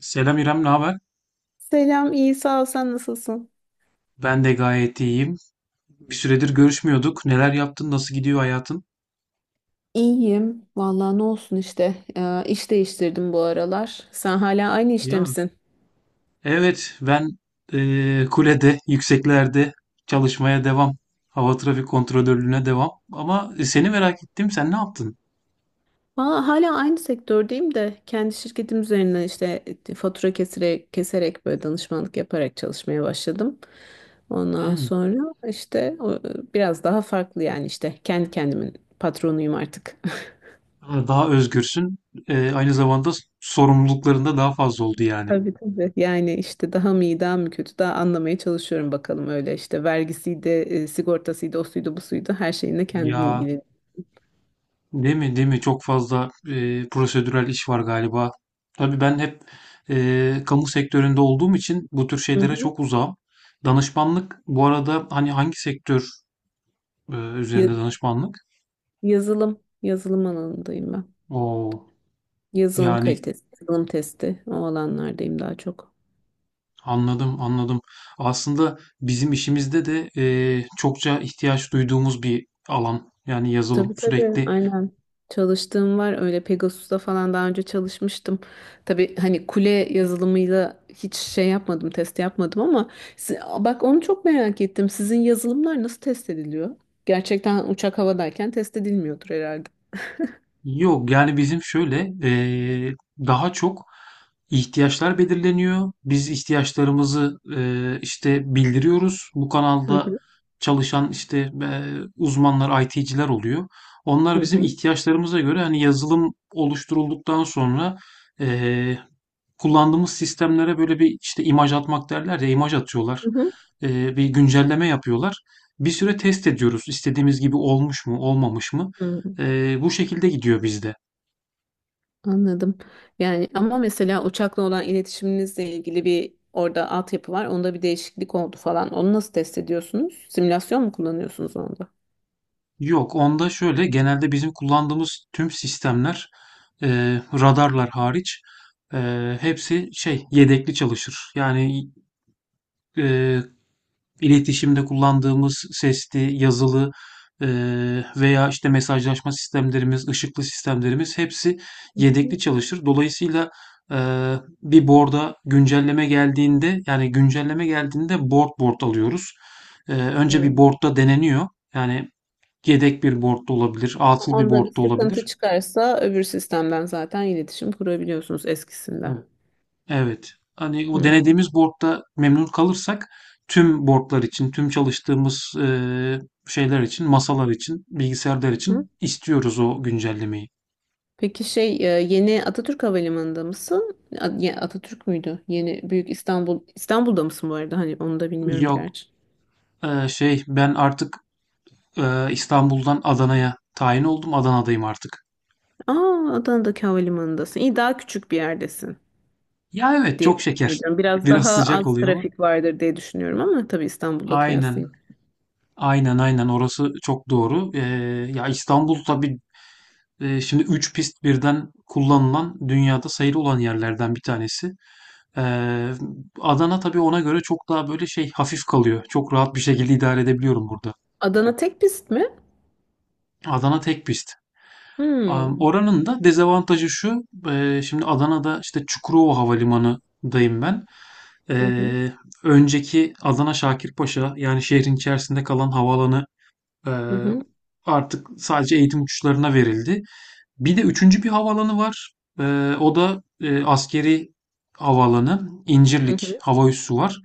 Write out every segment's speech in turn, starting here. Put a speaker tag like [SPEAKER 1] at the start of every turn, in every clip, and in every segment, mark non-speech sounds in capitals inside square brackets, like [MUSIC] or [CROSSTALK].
[SPEAKER 1] Selam İrem, ne haber?
[SPEAKER 2] Selam, iyi sağ ol. Sen nasılsın?
[SPEAKER 1] Ben de gayet iyiyim. Bir süredir görüşmüyorduk. Neler yaptın? Nasıl gidiyor hayatın?
[SPEAKER 2] İyiyim. Vallahi ne olsun işte. İş değiştirdim bu aralar. Sen hala aynı işte
[SPEAKER 1] Ya.
[SPEAKER 2] misin?
[SPEAKER 1] Evet, ben kulede, yükseklerde çalışmaya devam. Hava trafik kontrolörlüğüne devam. Ama seni merak ettim. Sen ne yaptın?
[SPEAKER 2] Aa, hala aynı sektördeyim de kendi şirketim üzerinden işte fatura keserek, keserek böyle danışmanlık yaparak çalışmaya başladım. Ondan
[SPEAKER 1] Hmm.
[SPEAKER 2] sonra işte biraz daha farklı yani işte kendi kendimin patronuyum artık. [LAUGHS]
[SPEAKER 1] Daha özgürsün. Aynı zamanda sorumlulukların da daha fazla oldu yani.
[SPEAKER 2] Tabii tabii. Yani işte daha mı iyi, daha mı kötü, daha anlamaya çalışıyorum bakalım öyle işte vergisiydi, sigortasıydı, o suydu, bu suydu, her şeyinle kendini
[SPEAKER 1] Ya,
[SPEAKER 2] ilgili.
[SPEAKER 1] değil mi? Değil mi? Çok fazla prosedürel iş var galiba. Tabii ben hep kamu sektöründe olduğum için bu tür
[SPEAKER 2] Hı
[SPEAKER 1] şeylere
[SPEAKER 2] hı.
[SPEAKER 1] çok uzağım. Danışmanlık bu arada hani hangi sektör
[SPEAKER 2] Ya-
[SPEAKER 1] üzerinde danışmanlık?
[SPEAKER 2] yazılım alanındayım ben.
[SPEAKER 1] O,
[SPEAKER 2] Yazılım
[SPEAKER 1] yani
[SPEAKER 2] kalitesi, yazılım testi o alanlardayım daha çok.
[SPEAKER 1] anladım anladım. Aslında bizim işimizde de çokça ihtiyaç duyduğumuz bir alan. Yani yazılım
[SPEAKER 2] Tabii tabii
[SPEAKER 1] sürekli.
[SPEAKER 2] aynen. Çalıştığım var öyle Pegasus'ta falan daha önce çalışmıştım. Tabii hani kule yazılımıyla hiç şey yapmadım, test yapmadım ama bak onu çok merak ettim. Sizin yazılımlar nasıl test ediliyor? Gerçekten uçak havadayken test edilmiyordur herhalde.
[SPEAKER 1] Yok, yani bizim şöyle daha çok ihtiyaçlar belirleniyor. Biz ihtiyaçlarımızı işte bildiriyoruz. Bu
[SPEAKER 2] Hı
[SPEAKER 1] kanalda
[SPEAKER 2] hı.
[SPEAKER 1] çalışan işte uzmanlar, IT'ciler oluyor. Onlar
[SPEAKER 2] Hı
[SPEAKER 1] bizim
[SPEAKER 2] hı.
[SPEAKER 1] ihtiyaçlarımıza göre hani yazılım oluşturulduktan sonra kullandığımız sistemlere böyle bir, işte, imaj atmak derler ya, imaj atıyorlar.
[SPEAKER 2] Hı hı.
[SPEAKER 1] Bir güncelleme yapıyorlar. Bir süre test ediyoruz. İstediğimiz gibi olmuş mu, olmamış mı?
[SPEAKER 2] Hı.
[SPEAKER 1] Bu şekilde gidiyor bizde.
[SPEAKER 2] Anladım. Yani ama mesela uçakla olan iletişiminizle ilgili bir orada altyapı var. Onda bir değişiklik oldu falan. Onu nasıl test ediyorsunuz? Simülasyon mu kullanıyorsunuz onda?
[SPEAKER 1] Yok, onda şöyle, genelde bizim kullandığımız tüm sistemler, radarlar hariç, hepsi şey, yedekli çalışır. Yani, eee iletişimde kullandığımız sesli, yazılı veya işte mesajlaşma sistemlerimiz, ışıklı sistemlerimiz hepsi yedekli çalışır. Dolayısıyla bir board'a güncelleme geldiğinde yani güncelleme geldiğinde board board alıyoruz. Önce bir
[SPEAKER 2] Hmm.
[SPEAKER 1] board'da deneniyor. Yani yedek bir board da olabilir, atıl bir
[SPEAKER 2] Onda bir
[SPEAKER 1] board da olabilir.
[SPEAKER 2] sıkıntı çıkarsa öbür sistemden zaten iletişim kurabiliyorsunuz eskisinden.
[SPEAKER 1] Evet. Evet. Hani o
[SPEAKER 2] Hı
[SPEAKER 1] denediğimiz board'da memnun kalırsak tüm board'lar için, tüm çalıştığımız şeyler için, masalar için, bilgisayarlar
[SPEAKER 2] hı.
[SPEAKER 1] için istiyoruz o güncellemeyi.
[SPEAKER 2] Peki şey yeni Atatürk Havalimanı'nda mısın? Atatürk müydü? Yeni Büyük İstanbul'da mısın bu arada? Hani onu da bilmiyorum
[SPEAKER 1] Yok,
[SPEAKER 2] gerçi.
[SPEAKER 1] şey ben artık İstanbul'dan Adana'ya tayin oldum. Adana'dayım artık.
[SPEAKER 2] Aa, Adana'daki havalimanındasın. İyi, daha küçük bir yerdesin
[SPEAKER 1] Ya evet,
[SPEAKER 2] diye
[SPEAKER 1] çok
[SPEAKER 2] tahmin
[SPEAKER 1] şeker.
[SPEAKER 2] ediyorum. Biraz
[SPEAKER 1] Biraz
[SPEAKER 2] daha
[SPEAKER 1] sıcak
[SPEAKER 2] az
[SPEAKER 1] oluyor ama.
[SPEAKER 2] trafik vardır diye düşünüyorum ama tabii İstanbul'la
[SPEAKER 1] Aynen.
[SPEAKER 2] kıyaslayayım.
[SPEAKER 1] Aynen aynen, orası çok doğru. Ya İstanbul tabii şimdi 3 pist birden kullanılan dünyada sayılı olan yerlerden bir tanesi. Eee, Adana tabii ona göre çok daha böyle şey hafif kalıyor. Çok rahat bir şekilde idare edebiliyorum burada.
[SPEAKER 2] Adana tek pist mi?
[SPEAKER 1] Adana tek pist.
[SPEAKER 2] Hmm.
[SPEAKER 1] Oranın da dezavantajı şu. Şimdi Adana'da işte Çukurova Havalimanı'dayım ben.
[SPEAKER 2] Hı hı.
[SPEAKER 1] Eee, Önceki Adana Şakirpaşa yani şehrin içerisinde kalan havaalanı
[SPEAKER 2] Hı
[SPEAKER 1] eee,
[SPEAKER 2] hı.
[SPEAKER 1] artık sadece eğitim uçuşlarına verildi. Bir de üçüncü bir havaalanı var. O da askeri havaalanı.
[SPEAKER 2] Hı
[SPEAKER 1] İncirlik
[SPEAKER 2] hı.
[SPEAKER 1] hava üssü var.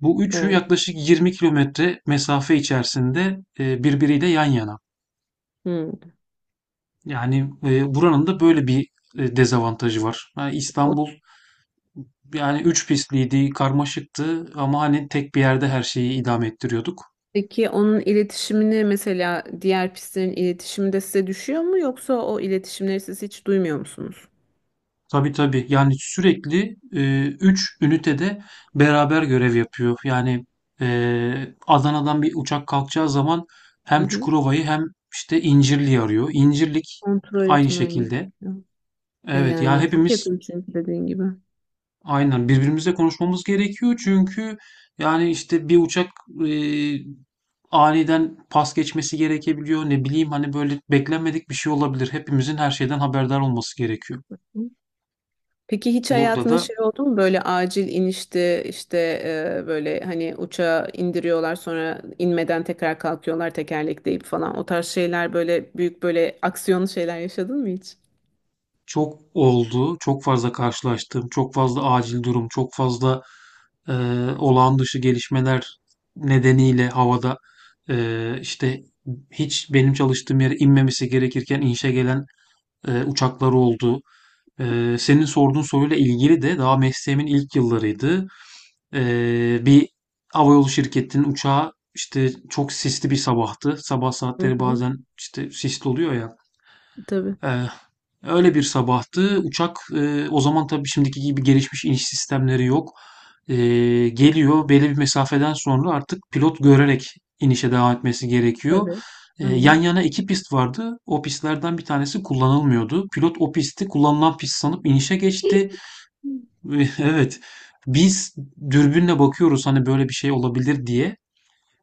[SPEAKER 1] Bu üçü
[SPEAKER 2] Oo.
[SPEAKER 1] yaklaşık 20 kilometre mesafe içerisinde birbiriyle yan yana.
[SPEAKER 2] Hmm.
[SPEAKER 1] Yani buranın da böyle bir dezavantajı var. Ha,
[SPEAKER 2] O.
[SPEAKER 1] İstanbul yani üç pistliydi, karmaşıktı ama hani tek bir yerde her şeyi idame ettiriyorduk.
[SPEAKER 2] Peki onun iletişimini mesela diğer pistlerin iletişimi de size düşüyor mu yoksa o iletişimleri siz hiç duymuyor musunuz?
[SPEAKER 1] Tabii tabii. Yani sürekli 3 ünitede beraber görev yapıyor. Yani Adana'dan bir uçak kalkacağı zaman
[SPEAKER 2] Hı
[SPEAKER 1] hem
[SPEAKER 2] hı.
[SPEAKER 1] Çukurova'yı hem işte İncirli'yi arıyor. İncirlik
[SPEAKER 2] Kontrol
[SPEAKER 1] aynı
[SPEAKER 2] etmen
[SPEAKER 1] şekilde.
[SPEAKER 2] gerekiyor. E
[SPEAKER 1] Evet ya,
[SPEAKER 2] yani çok
[SPEAKER 1] hepimiz
[SPEAKER 2] yakın çünkü dediğin gibi.
[SPEAKER 1] aynen birbirimizle konuşmamız gerekiyor. Çünkü yani işte bir uçak e, aniden pas geçmesi gerekebiliyor. Ne bileyim hani böyle beklenmedik bir şey olabilir. Hepimizin her şeyden haberdar olması gerekiyor.
[SPEAKER 2] Hı. Peki hiç
[SPEAKER 1] Burada
[SPEAKER 2] hayatında
[SPEAKER 1] da
[SPEAKER 2] şey oldu mu böyle acil inişti işte e, böyle hani uçağı indiriyorlar sonra inmeden tekrar kalkıyorlar tekerlekleyip falan o tarz şeyler böyle büyük böyle aksiyonlu şeyler yaşadın mı hiç?
[SPEAKER 1] çok oldu, çok fazla karşılaştığım, çok fazla acil durum, çok fazla e, olağan dışı gelişmeler nedeniyle havada işte hiç benim çalıştığım yere inmemesi gerekirken inişe gelen uçaklar oldu. Senin sorduğun soruyla ilgili de daha mesleğimin ilk yıllarıydı. Bir havayolu şirketinin uçağı işte çok sisli bir sabahtı. Sabah
[SPEAKER 2] Hı
[SPEAKER 1] saatleri
[SPEAKER 2] hı.
[SPEAKER 1] bazen işte sisli oluyor ya.
[SPEAKER 2] Tabii.
[SPEAKER 1] Ee, Öyle bir sabahtı. Uçak, o zaman tabii şimdiki gibi gelişmiş iniş sistemleri yok. Ee, Geliyor belli bir mesafeden sonra artık pilot görerek inişe devam etmesi gerekiyor.
[SPEAKER 2] Tabii.
[SPEAKER 1] Yan
[SPEAKER 2] Aynen.
[SPEAKER 1] yana iki pist vardı. O pistlerden bir tanesi kullanılmıyordu. Pilot o pisti kullanılan pist sanıp inişe geçti. Ve [LAUGHS] evet. Biz dürbünle bakıyoruz hani böyle bir şey olabilir diye.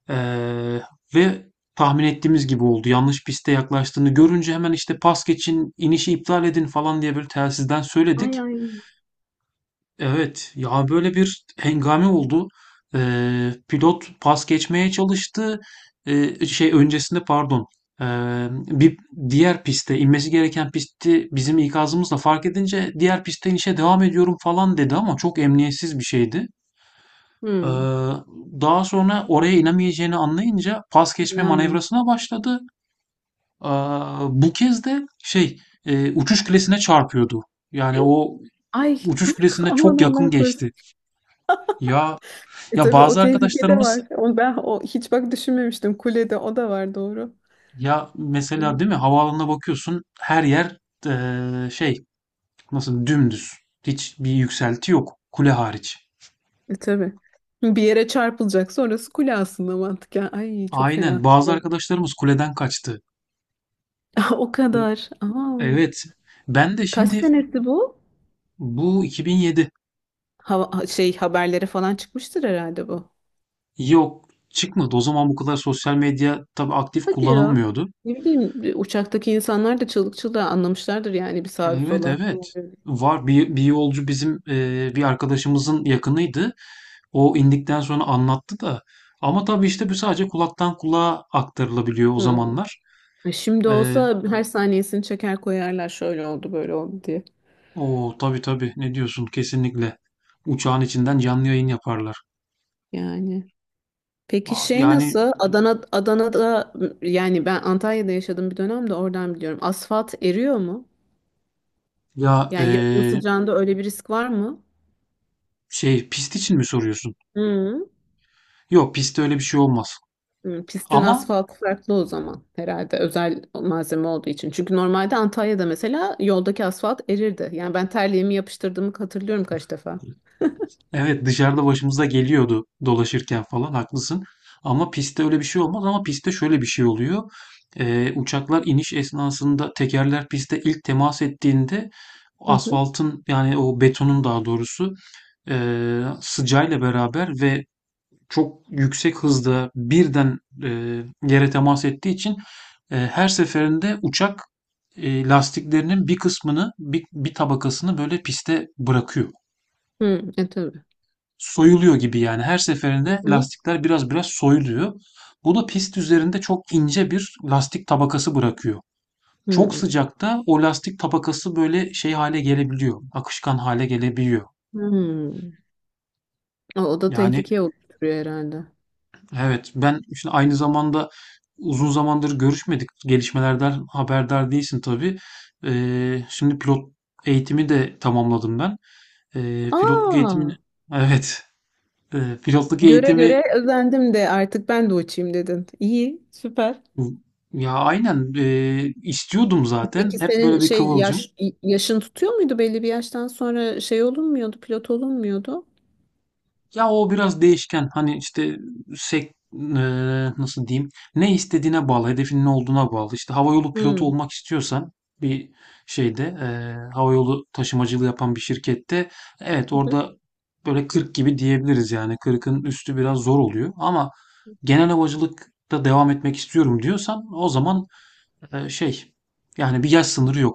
[SPEAKER 1] Ee, Ve tahmin ettiğimiz gibi oldu. Yanlış piste yaklaştığını görünce hemen işte pas geçin, inişi iptal edin falan diye böyle telsizden söyledik.
[SPEAKER 2] Ay ay.
[SPEAKER 1] Evet ya, böyle bir hengame oldu. Pilot pas geçmeye çalıştı. Şey öncesinde pardon. Ee, Bir diğer piste inmesi gereken pisti bizim ikazımızla fark edince diğer piste inişe devam ediyorum falan dedi ama çok emniyetsiz bir şeydi. Ee,
[SPEAKER 2] Hı.
[SPEAKER 1] Daha sonra oraya inemeyeceğini anlayınca pas geçme
[SPEAKER 2] Yani.
[SPEAKER 1] manevrasına başladı. Ee, Bu kez de şey, uçuş kulesine çarpıyordu. Yani o
[SPEAKER 2] Ay
[SPEAKER 1] uçuş
[SPEAKER 2] [LAUGHS]
[SPEAKER 1] kulesine
[SPEAKER 2] aman
[SPEAKER 1] çok yakın
[SPEAKER 2] Allah korusun.
[SPEAKER 1] geçti. Ya
[SPEAKER 2] E
[SPEAKER 1] ya,
[SPEAKER 2] tabii o
[SPEAKER 1] bazı
[SPEAKER 2] tehlike de var.
[SPEAKER 1] arkadaşlarımız,
[SPEAKER 2] Onu ben o hiç bak düşünmemiştim. Kulede o da var, doğru.
[SPEAKER 1] ya mesela
[SPEAKER 2] Evet.
[SPEAKER 1] değil mi, havaalanına bakıyorsun, her yer şey, nasıl, dümdüz. Hiç bir yükselti yok, kule hariç.
[SPEAKER 2] E tabii. Bir yere çarpılacaksa orası kule aslında mantıken. Ay çok
[SPEAKER 1] Aynen,
[SPEAKER 2] fena.
[SPEAKER 1] bazı
[SPEAKER 2] Doğru. [LAUGHS]
[SPEAKER 1] arkadaşlarımız kuleden kaçtı.
[SPEAKER 2] O kadar. Aa,
[SPEAKER 1] Evet. Ben de
[SPEAKER 2] kaç
[SPEAKER 1] şimdi,
[SPEAKER 2] senesi bu?
[SPEAKER 1] bu 2007.
[SPEAKER 2] Şey haberlere falan çıkmıştır herhalde bu.
[SPEAKER 1] Yok, çıkmadı. O zaman bu kadar sosyal medya tabii aktif
[SPEAKER 2] Hadi ya.
[SPEAKER 1] kullanılmıyordu.
[SPEAKER 2] Ne bileyim uçaktaki insanlar da çığlık çığlığa anlamışlardır yani bir sağa bir
[SPEAKER 1] Evet
[SPEAKER 2] sola.
[SPEAKER 1] evet. Var, bir yolcu bizim bir arkadaşımızın yakınıydı. O indikten sonra anlattı da. Ama tabii işte bu sadece kulaktan kulağa aktarılabiliyor o
[SPEAKER 2] Hı.
[SPEAKER 1] zamanlar.
[SPEAKER 2] E, şimdi
[SPEAKER 1] E,
[SPEAKER 2] olsa her saniyesini çeker koyarlar şöyle oldu böyle oldu diye.
[SPEAKER 1] O tabii tabii, ne diyorsun, kesinlikle. Uçağın içinden canlı yayın yaparlar.
[SPEAKER 2] Yani. Peki
[SPEAKER 1] Aa,
[SPEAKER 2] şey
[SPEAKER 1] yani
[SPEAKER 2] nasıl? Adana'da yani ben Antalya'da yaşadığım bir dönemde oradan biliyorum. Asfalt eriyor mu?
[SPEAKER 1] ya,
[SPEAKER 2] Yani yazın sıcağında öyle bir risk var mı?
[SPEAKER 1] şey pist için mi soruyorsun?
[SPEAKER 2] Hı.
[SPEAKER 1] Yok, pistte öyle bir şey olmaz.
[SPEAKER 2] Hı, pistin
[SPEAKER 1] Ama
[SPEAKER 2] asfaltı farklı o zaman herhalde, özel malzeme olduğu için. Çünkü normalde Antalya'da mesela yoldaki asfalt erirdi. Yani ben terliğimi yapıştırdığımı hatırlıyorum kaç defa.
[SPEAKER 1] evet, dışarıda başımıza geliyordu dolaşırken falan, haklısın. Ama pistte öyle bir şey olmaz, ama pistte şöyle bir şey oluyor. Uçaklar iniş esnasında tekerler pistte ilk temas ettiğinde
[SPEAKER 2] Hı hı.
[SPEAKER 1] asfaltın, yani o betonun daha doğrusu, sıcağıyla beraber ve çok yüksek hızda birden yere temas ettiği için her seferinde uçak lastiklerinin bir kısmını, bir tabakasını böyle piste bırakıyor.
[SPEAKER 2] Hı, e tabii.
[SPEAKER 1] Soyuluyor gibi yani. Her
[SPEAKER 2] Hı
[SPEAKER 1] seferinde
[SPEAKER 2] hı.
[SPEAKER 1] lastikler biraz biraz soyuluyor. Bu da pist üzerinde çok ince bir lastik tabakası bırakıyor. Çok
[SPEAKER 2] Hı.
[SPEAKER 1] sıcakta o lastik tabakası böyle şey hale gelebiliyor. Akışkan hale gelebiliyor.
[SPEAKER 2] Hı. O, o da
[SPEAKER 1] Yani
[SPEAKER 2] tehlikeye oturuyor herhalde.
[SPEAKER 1] evet, ben şimdi aynı zamanda uzun zamandır görüşmedik. Gelişmelerden haberdar değilsin tabii. Şimdi pilot eğitimi de tamamladım ben. Pilotluk
[SPEAKER 2] Aa,
[SPEAKER 1] eğitimini evet, pilotluk
[SPEAKER 2] göre
[SPEAKER 1] eğitimi.
[SPEAKER 2] göre özendim de artık ben de uçayım dedin. İyi, süper.
[SPEAKER 1] Ya, aynen, istiyordum zaten.
[SPEAKER 2] Peki
[SPEAKER 1] Hep
[SPEAKER 2] senin
[SPEAKER 1] böyle bir
[SPEAKER 2] şey
[SPEAKER 1] kıvılcım.
[SPEAKER 2] yaş, yaşın tutuyor muydu? Belli bir yaştan sonra şey olunmuyordu, pilot olunmuyordu?
[SPEAKER 1] Ya, o biraz değişken. Hani işte sek nasıl diyeyim? Ne istediğine bağlı, hedefin ne olduğuna bağlı. İşte havayolu pilotu
[SPEAKER 2] Hmm.
[SPEAKER 1] olmak istiyorsan bir şeyde, havayolu taşımacılığı yapan bir şirkette, evet
[SPEAKER 2] Hı hı.
[SPEAKER 1] orada böyle 40 gibi diyebiliriz yani. 40'ın üstü biraz zor oluyor ama genel havacılıkta devam etmek istiyorum diyorsan o zaman şey, yani bir yaş sınırı yok.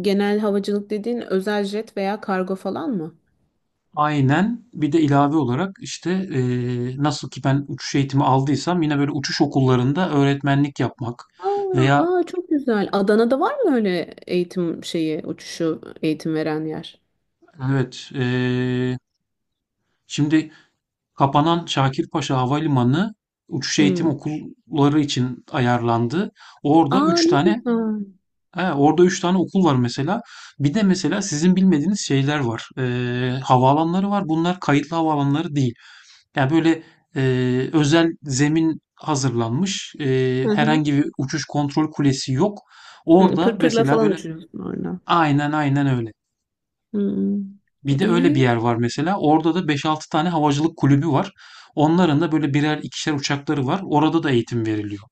[SPEAKER 2] Genel havacılık dediğin özel jet veya kargo falan mı?
[SPEAKER 1] Aynen. Bir de ilave olarak işte nasıl ki ben uçuş eğitimi aldıysam yine böyle uçuş okullarında öğretmenlik yapmak
[SPEAKER 2] Aa,
[SPEAKER 1] veya
[SPEAKER 2] aa çok güzel. Adana'da var mı öyle eğitim şeyi, uçuşu eğitim veren yer?
[SPEAKER 1] evet, şimdi kapanan Şakirpaşa Havalimanı uçuş eğitim
[SPEAKER 2] Hmm.
[SPEAKER 1] okulları için ayarlandı. Orada
[SPEAKER 2] Aa
[SPEAKER 1] üç
[SPEAKER 2] ne
[SPEAKER 1] tane
[SPEAKER 2] güzel.
[SPEAKER 1] he, orada üç tane okul var mesela. Bir de mesela sizin bilmediğiniz şeyler var. Havaalanları var. Bunlar kayıtlı havaalanları değil. Yani böyle e, özel zemin hazırlanmış.
[SPEAKER 2] Hı hı.
[SPEAKER 1] Herhangi bir uçuş kontrol kulesi yok.
[SPEAKER 2] Hı,
[SPEAKER 1] Orada
[SPEAKER 2] pırpırla
[SPEAKER 1] mesela
[SPEAKER 2] falan
[SPEAKER 1] böyle,
[SPEAKER 2] uçuyorsun orada.
[SPEAKER 1] aynen aynen öyle.
[SPEAKER 2] Hmm.
[SPEAKER 1] Bir de öyle bir
[SPEAKER 2] İyi.
[SPEAKER 1] yer var mesela. Orada da beş altı tane havacılık kulübü var. Onların da böyle birer ikişer uçakları var. Orada da eğitim veriliyor.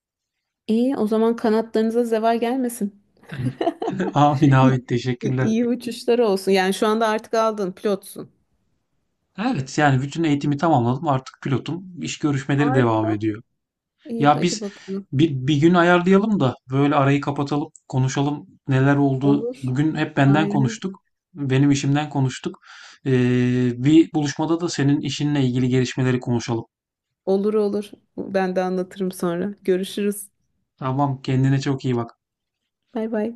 [SPEAKER 2] İyi. O zaman kanatlarınıza zeval gelmesin. [LAUGHS]
[SPEAKER 1] [LAUGHS] Amin
[SPEAKER 2] İyi,
[SPEAKER 1] amin,
[SPEAKER 2] iyi
[SPEAKER 1] teşekkürler.
[SPEAKER 2] iyi uçuşlar olsun. Yani şu anda artık aldın, pilotsun.
[SPEAKER 1] Evet, yani bütün eğitimi tamamladım. Artık pilotum. İş görüşmeleri devam
[SPEAKER 2] Harika.
[SPEAKER 1] ediyor.
[SPEAKER 2] İyi,
[SPEAKER 1] Ya
[SPEAKER 2] hadi
[SPEAKER 1] biz
[SPEAKER 2] bakalım.
[SPEAKER 1] bir gün ayarlayalım da böyle arayı kapatalım, konuşalım neler oldu.
[SPEAKER 2] Olur.
[SPEAKER 1] Bugün hep benden
[SPEAKER 2] Aynen.
[SPEAKER 1] konuştuk, benim işimden konuştuk. Bir buluşmada da senin işinle ilgili gelişmeleri konuşalım.
[SPEAKER 2] Olur olur. Ben de anlatırım sonra. Görüşürüz.
[SPEAKER 1] Tamam, kendine çok iyi bak.
[SPEAKER 2] Bay bay.